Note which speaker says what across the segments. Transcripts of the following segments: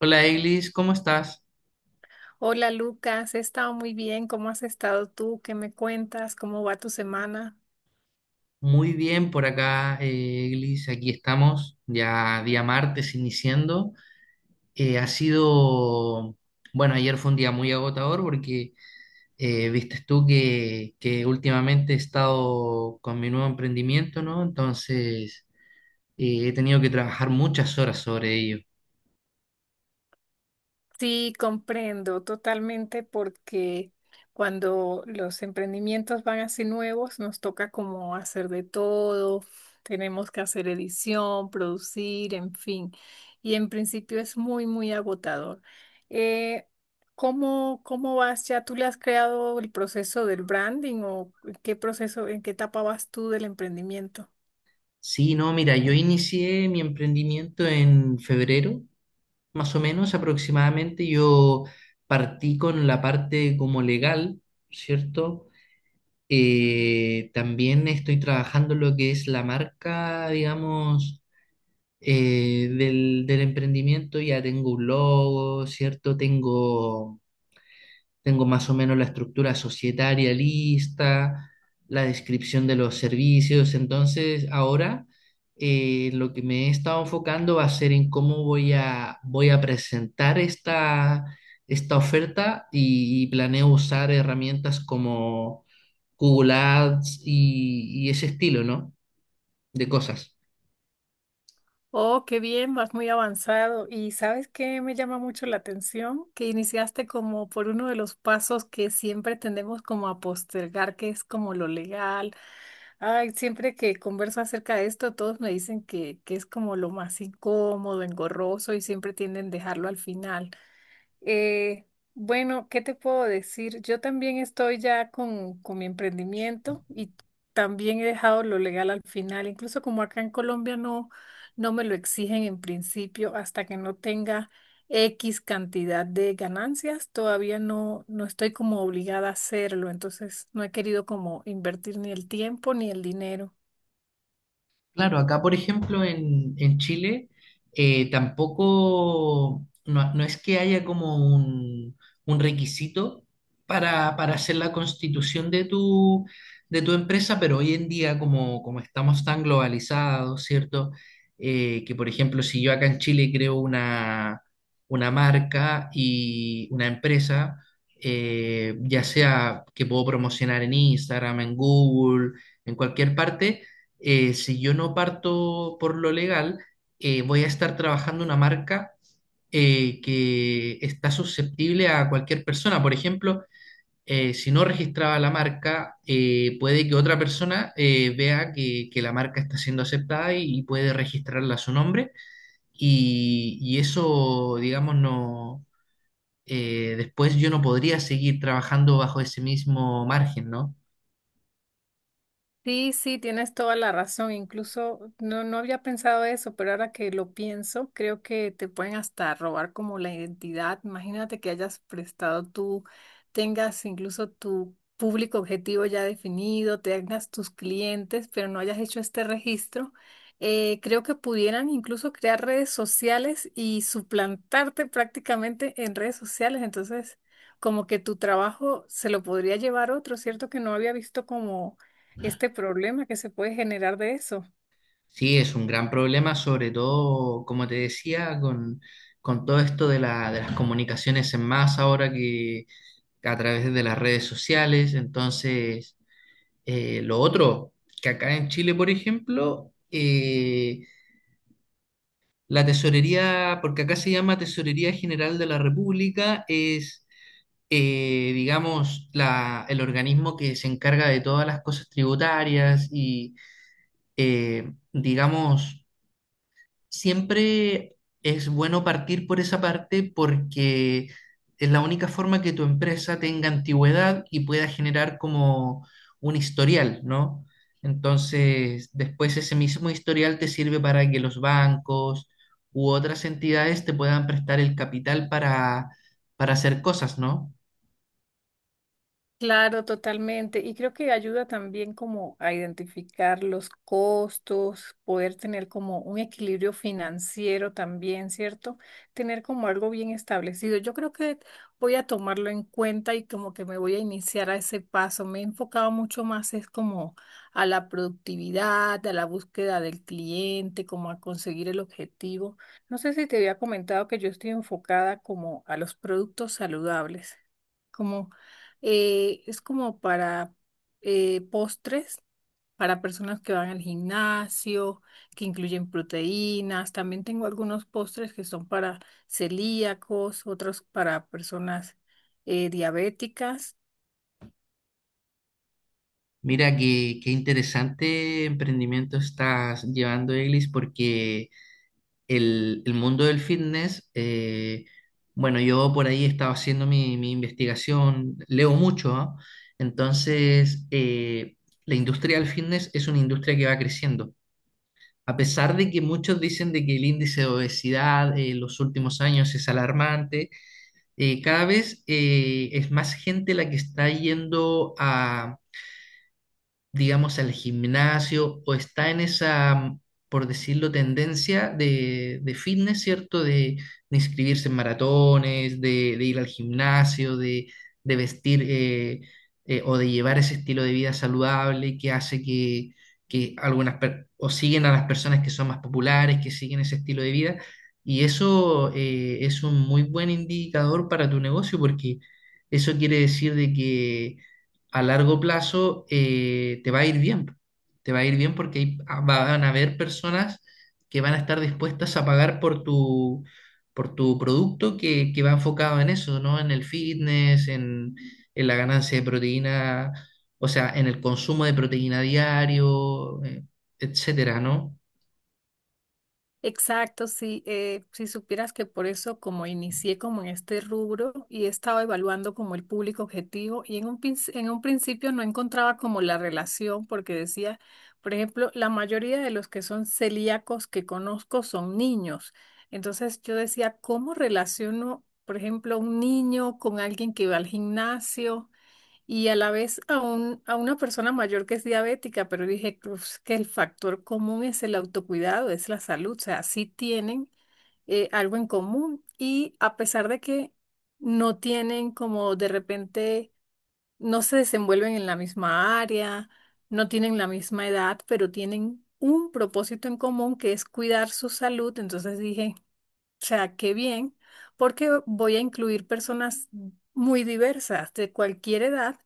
Speaker 1: Hola Eglis, ¿cómo estás?
Speaker 2: Hola Lucas, he estado muy bien. ¿Cómo has estado tú? ¿Qué me cuentas? ¿Cómo va tu semana?
Speaker 1: Muy bien por acá, Eglis. Aquí estamos, ya día martes iniciando. Eh, ha sido, bueno, ayer fue un día muy agotador porque viste tú que últimamente he estado con mi nuevo emprendimiento, ¿no? Entonces he tenido que trabajar muchas horas sobre ello.
Speaker 2: Sí, comprendo totalmente porque cuando los emprendimientos van así nuevos, nos toca como hacer de todo, tenemos que hacer edición, producir, en fin. Y en principio es muy, muy agotador. Eh, cómo vas ya? ¿Tú le has creado el proceso del branding o qué proceso, en qué etapa vas tú del emprendimiento?
Speaker 1: Sí, no, mira, yo inicié mi emprendimiento en febrero. Más o menos aproximadamente yo partí con la parte como legal, ¿cierto? También estoy trabajando lo que es la marca, digamos, del emprendimiento. Ya tengo un logo, ¿cierto? Tengo más o menos la estructura societaria lista, la descripción de los servicios. Entonces, ahora lo que me he estado enfocando va a ser en cómo voy a presentar esta oferta y planeo usar herramientas como Google Ads y ese estilo, ¿no? De cosas.
Speaker 2: Oh, qué bien, vas muy avanzado. ¿Y sabes qué me llama mucho la atención? Que iniciaste como por uno de los pasos que siempre tendemos como a postergar, que es como lo legal. Ay, siempre que converso acerca de esto, todos me dicen que es como lo más incómodo, engorroso y siempre tienden a dejarlo al final. Eh, bueno, ¿qué te puedo decir? Yo también estoy ya con mi emprendimiento y también he dejado lo legal al final. Incluso como acá en Colombia no, no me lo exigen en principio hasta que no tenga X cantidad de ganancias, todavía no, no estoy como obligada a hacerlo. Entonces no he querido como invertir ni el tiempo ni el dinero.
Speaker 1: Claro, acá por ejemplo en Chile tampoco, no, no es que haya como un requisito para hacer la constitución de de tu empresa, pero hoy en día como estamos tan globalizados, ¿cierto? Que por ejemplo si yo acá en Chile creo una marca y una empresa, ya sea que puedo promocionar en Instagram, en Google, en cualquier parte si yo no parto por lo legal, voy a estar trabajando una marca que está susceptible a cualquier persona. Por ejemplo, si no registraba la marca, puede que otra persona vea que la marca está siendo aceptada y puede registrarla a su nombre. Y eso, digamos, no, después yo no podría seguir trabajando bajo ese mismo margen, ¿no?
Speaker 2: Sí, sí, tienes toda la razón. Incluso no, no había pensado eso, pero ahora que lo pienso, creo que te pueden hasta robar como la identidad. Imagínate que hayas prestado tú, tengas incluso tu público objetivo ya definido, tengas tus clientes, pero no hayas hecho este registro. Creo que pudieran incluso crear redes sociales y suplantarte prácticamente en redes sociales. Entonces, como que tu trabajo se lo podría llevar otro, ¿cierto? Que no había visto como este problema que se puede generar de eso.
Speaker 1: Sí, es un gran problema, sobre todo, como te decía, con todo esto de de las comunicaciones en masa ahora que a través de las redes sociales. Entonces, lo otro, que acá en Chile, por ejemplo, la tesorería, porque acá se llama Tesorería General de la República, es, digamos, el organismo que se encarga de todas las cosas tributarias digamos, siempre es bueno partir por esa parte porque es la única forma que tu empresa tenga antigüedad y pueda generar como un historial, ¿no? Entonces, después ese mismo historial te sirve para que los bancos u otras entidades te puedan prestar el capital para hacer cosas, ¿no?
Speaker 2: Claro, totalmente. Y creo que ayuda también como a identificar los costos, poder tener como un equilibrio financiero también, ¿cierto? Tener como algo bien establecido. Yo creo que voy a tomarlo en cuenta y como que me voy a iniciar a ese paso. Me he enfocado mucho más es como a la productividad, a la búsqueda del cliente, como a conseguir el objetivo. No sé si te había comentado que yo estoy enfocada como a los productos saludables como es como para postres, para personas que van al gimnasio, que incluyen proteínas. También tengo algunos postres que son para celíacos, otros para personas diabéticas.
Speaker 1: Mira qué interesante emprendimiento estás llevando, Eglis, porque el mundo del fitness, bueno, yo por ahí estaba haciendo mi investigación, leo mucho, ¿ah? Entonces, la industria del fitness es una industria que va creciendo. A pesar de que muchos dicen de que el índice de obesidad en los últimos años es alarmante, cada vez es más gente la que está yendo a, digamos, al gimnasio o está en esa, por decirlo, tendencia de fitness, ¿cierto? De inscribirse en maratones, de ir al gimnasio, de vestir o de llevar ese estilo de vida saludable que hace que algunas, o siguen a las personas que son más populares, que siguen ese estilo de vida. Y eso es un muy buen indicador para tu negocio porque eso quiere decir de que a largo plazo te va a ir bien. Te va a ir bien porque van a haber personas que van a estar dispuestas a pagar por por tu producto que va enfocado en eso, ¿no? En el fitness, en la ganancia de proteína, o sea, en el consumo de proteína diario, etcétera, ¿no?
Speaker 2: Exacto, sí, si supieras que por eso como inicié como en este rubro y he estado evaluando como el público objetivo y en un, en un principio no encontraba como la relación porque decía, por ejemplo, la mayoría de los que son celíacos que conozco son niños. Entonces yo decía, ¿cómo relaciono, por ejemplo, un niño con alguien que va al gimnasio? Y a la vez a, un, a una persona mayor que es diabética, pero dije "Uf, que el factor común es el autocuidado, es la salud, o sea, sí tienen algo en común y a pesar de que no tienen como de repente, no se desenvuelven en la misma área, no tienen la misma edad, pero tienen un propósito en común que es cuidar su salud, entonces dije... O sea, qué bien, porque voy a incluir personas muy diversas, de cualquier edad,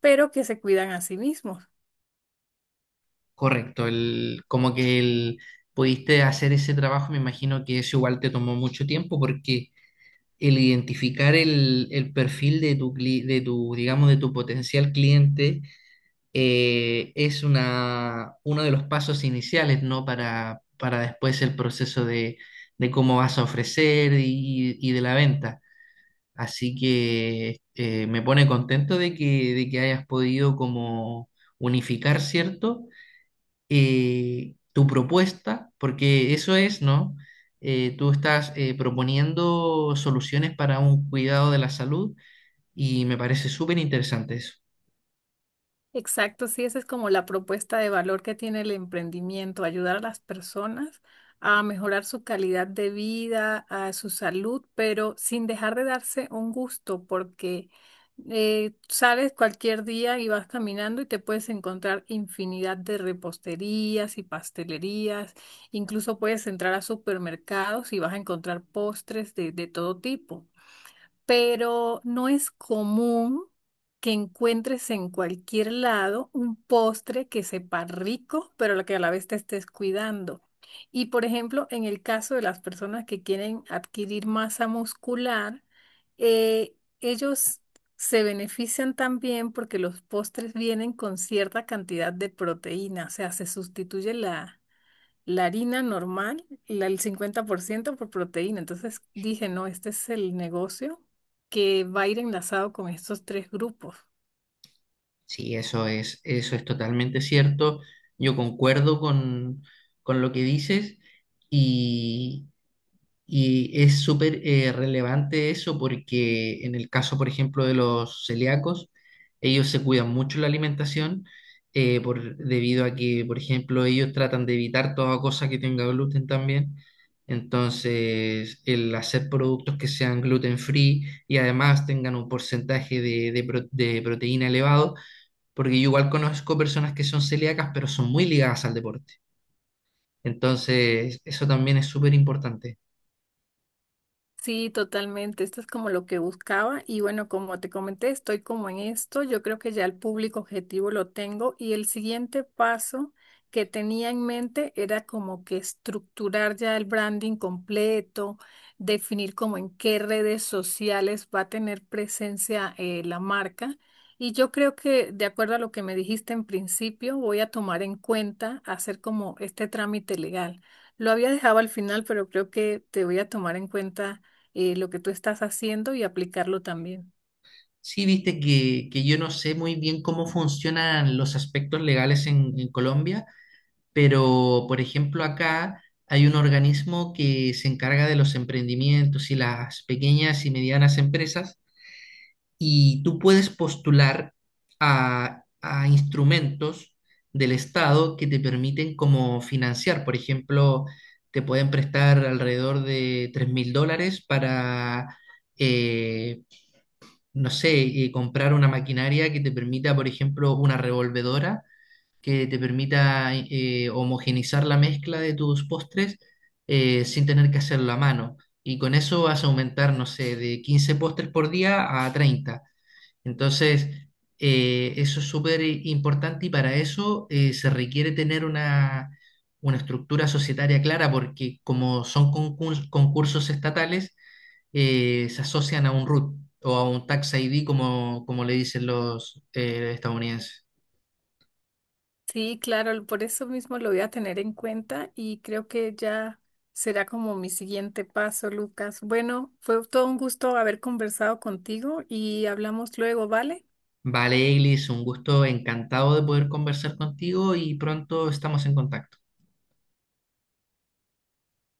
Speaker 2: pero que se cuidan a sí mismos.
Speaker 1: Correcto, el, como que el, pudiste hacer ese trabajo, me imagino que eso igual te tomó mucho tiempo porque el identificar el perfil de tu, de tu, digamos, de tu potencial cliente es una, uno de los pasos iniciales, ¿no? Para después el proceso de cómo vas a ofrecer y de la venta. Así que me pone contento de de que hayas podido como unificar, ¿cierto? Tu propuesta, porque eso es, ¿no? Tú estás proponiendo soluciones para un cuidado de la salud y me parece súper interesante eso.
Speaker 2: Exacto, sí, esa es como la propuesta de valor que tiene el emprendimiento, ayudar a las personas a mejorar su calidad de vida, a su salud, pero sin dejar de darse un gusto, porque sales cualquier día y vas caminando y te puedes encontrar infinidad de reposterías y pastelerías, incluso puedes entrar a supermercados y vas a encontrar postres de todo tipo pero no es común que encuentres en cualquier lado un postre que sepa rico, pero lo que a la vez te estés cuidando. Y por ejemplo, en el caso de las personas que quieren adquirir masa muscular, eh, ellos se benefician también porque los postres vienen con cierta cantidad de proteína, o sea, se sustituye la harina normal, el 50% por ciento por proteína. Entonces dije, no, este es el negocio que va a ir enlazado con estos tres grupos.
Speaker 1: Sí, eso es totalmente cierto. Yo concuerdo con lo que dices y Y es súper relevante eso porque en el caso, por ejemplo, de los celíacos, ellos se cuidan mucho la alimentación debido a que, por ejemplo, ellos tratan de evitar toda cosa que tenga gluten también. Entonces, el hacer productos que sean gluten free y además tengan un porcentaje de proteína elevado, porque yo igual conozco personas que son celíacas, pero son muy ligadas al deporte. Entonces, eso también es súper importante.
Speaker 2: Sí, totalmente. Esto es como lo que buscaba y bueno, como te comenté, estoy como en esto. Yo creo que ya el público objetivo lo tengo y el siguiente paso que tenía en mente era como que estructurar ya el branding completo, definir como en qué redes sociales va a tener presencia la marca. Y yo creo que de acuerdo a lo que me dijiste en principio, voy a tomar en cuenta hacer como este trámite legal. Lo había dejado al final, pero creo que te voy a tomar en cuenta lo que tú estás haciendo y aplicarlo también.
Speaker 1: Sí, viste que yo no sé muy bien cómo funcionan los aspectos legales en Colombia, pero por ejemplo acá hay un organismo que se encarga de los emprendimientos y las pequeñas y medianas empresas y tú puedes postular a instrumentos del Estado que te permiten como financiar. Por ejemplo, te pueden prestar alrededor de $3.000 para... eh, no sé, comprar una maquinaria que te permita, por ejemplo, una revolvedora que te permita homogeneizar la mezcla de tus postres sin tener que hacerlo a mano. Y con eso vas a aumentar, no sé, de 15 postres por día a 30. Entonces, eso es súper importante y para eso se requiere tener una estructura societaria clara porque como son concursos estatales, se asocian a un root o a un tax ID, como, como le dicen los estadounidenses.
Speaker 2: Sí, claro, por eso mismo lo voy a tener en cuenta y creo que ya será como mi siguiente paso, Lucas. Bueno, fue todo un gusto haber conversado contigo y hablamos luego, ¿vale?
Speaker 1: Vale, Eglis, un gusto, encantado de poder conversar contigo y pronto estamos en contacto.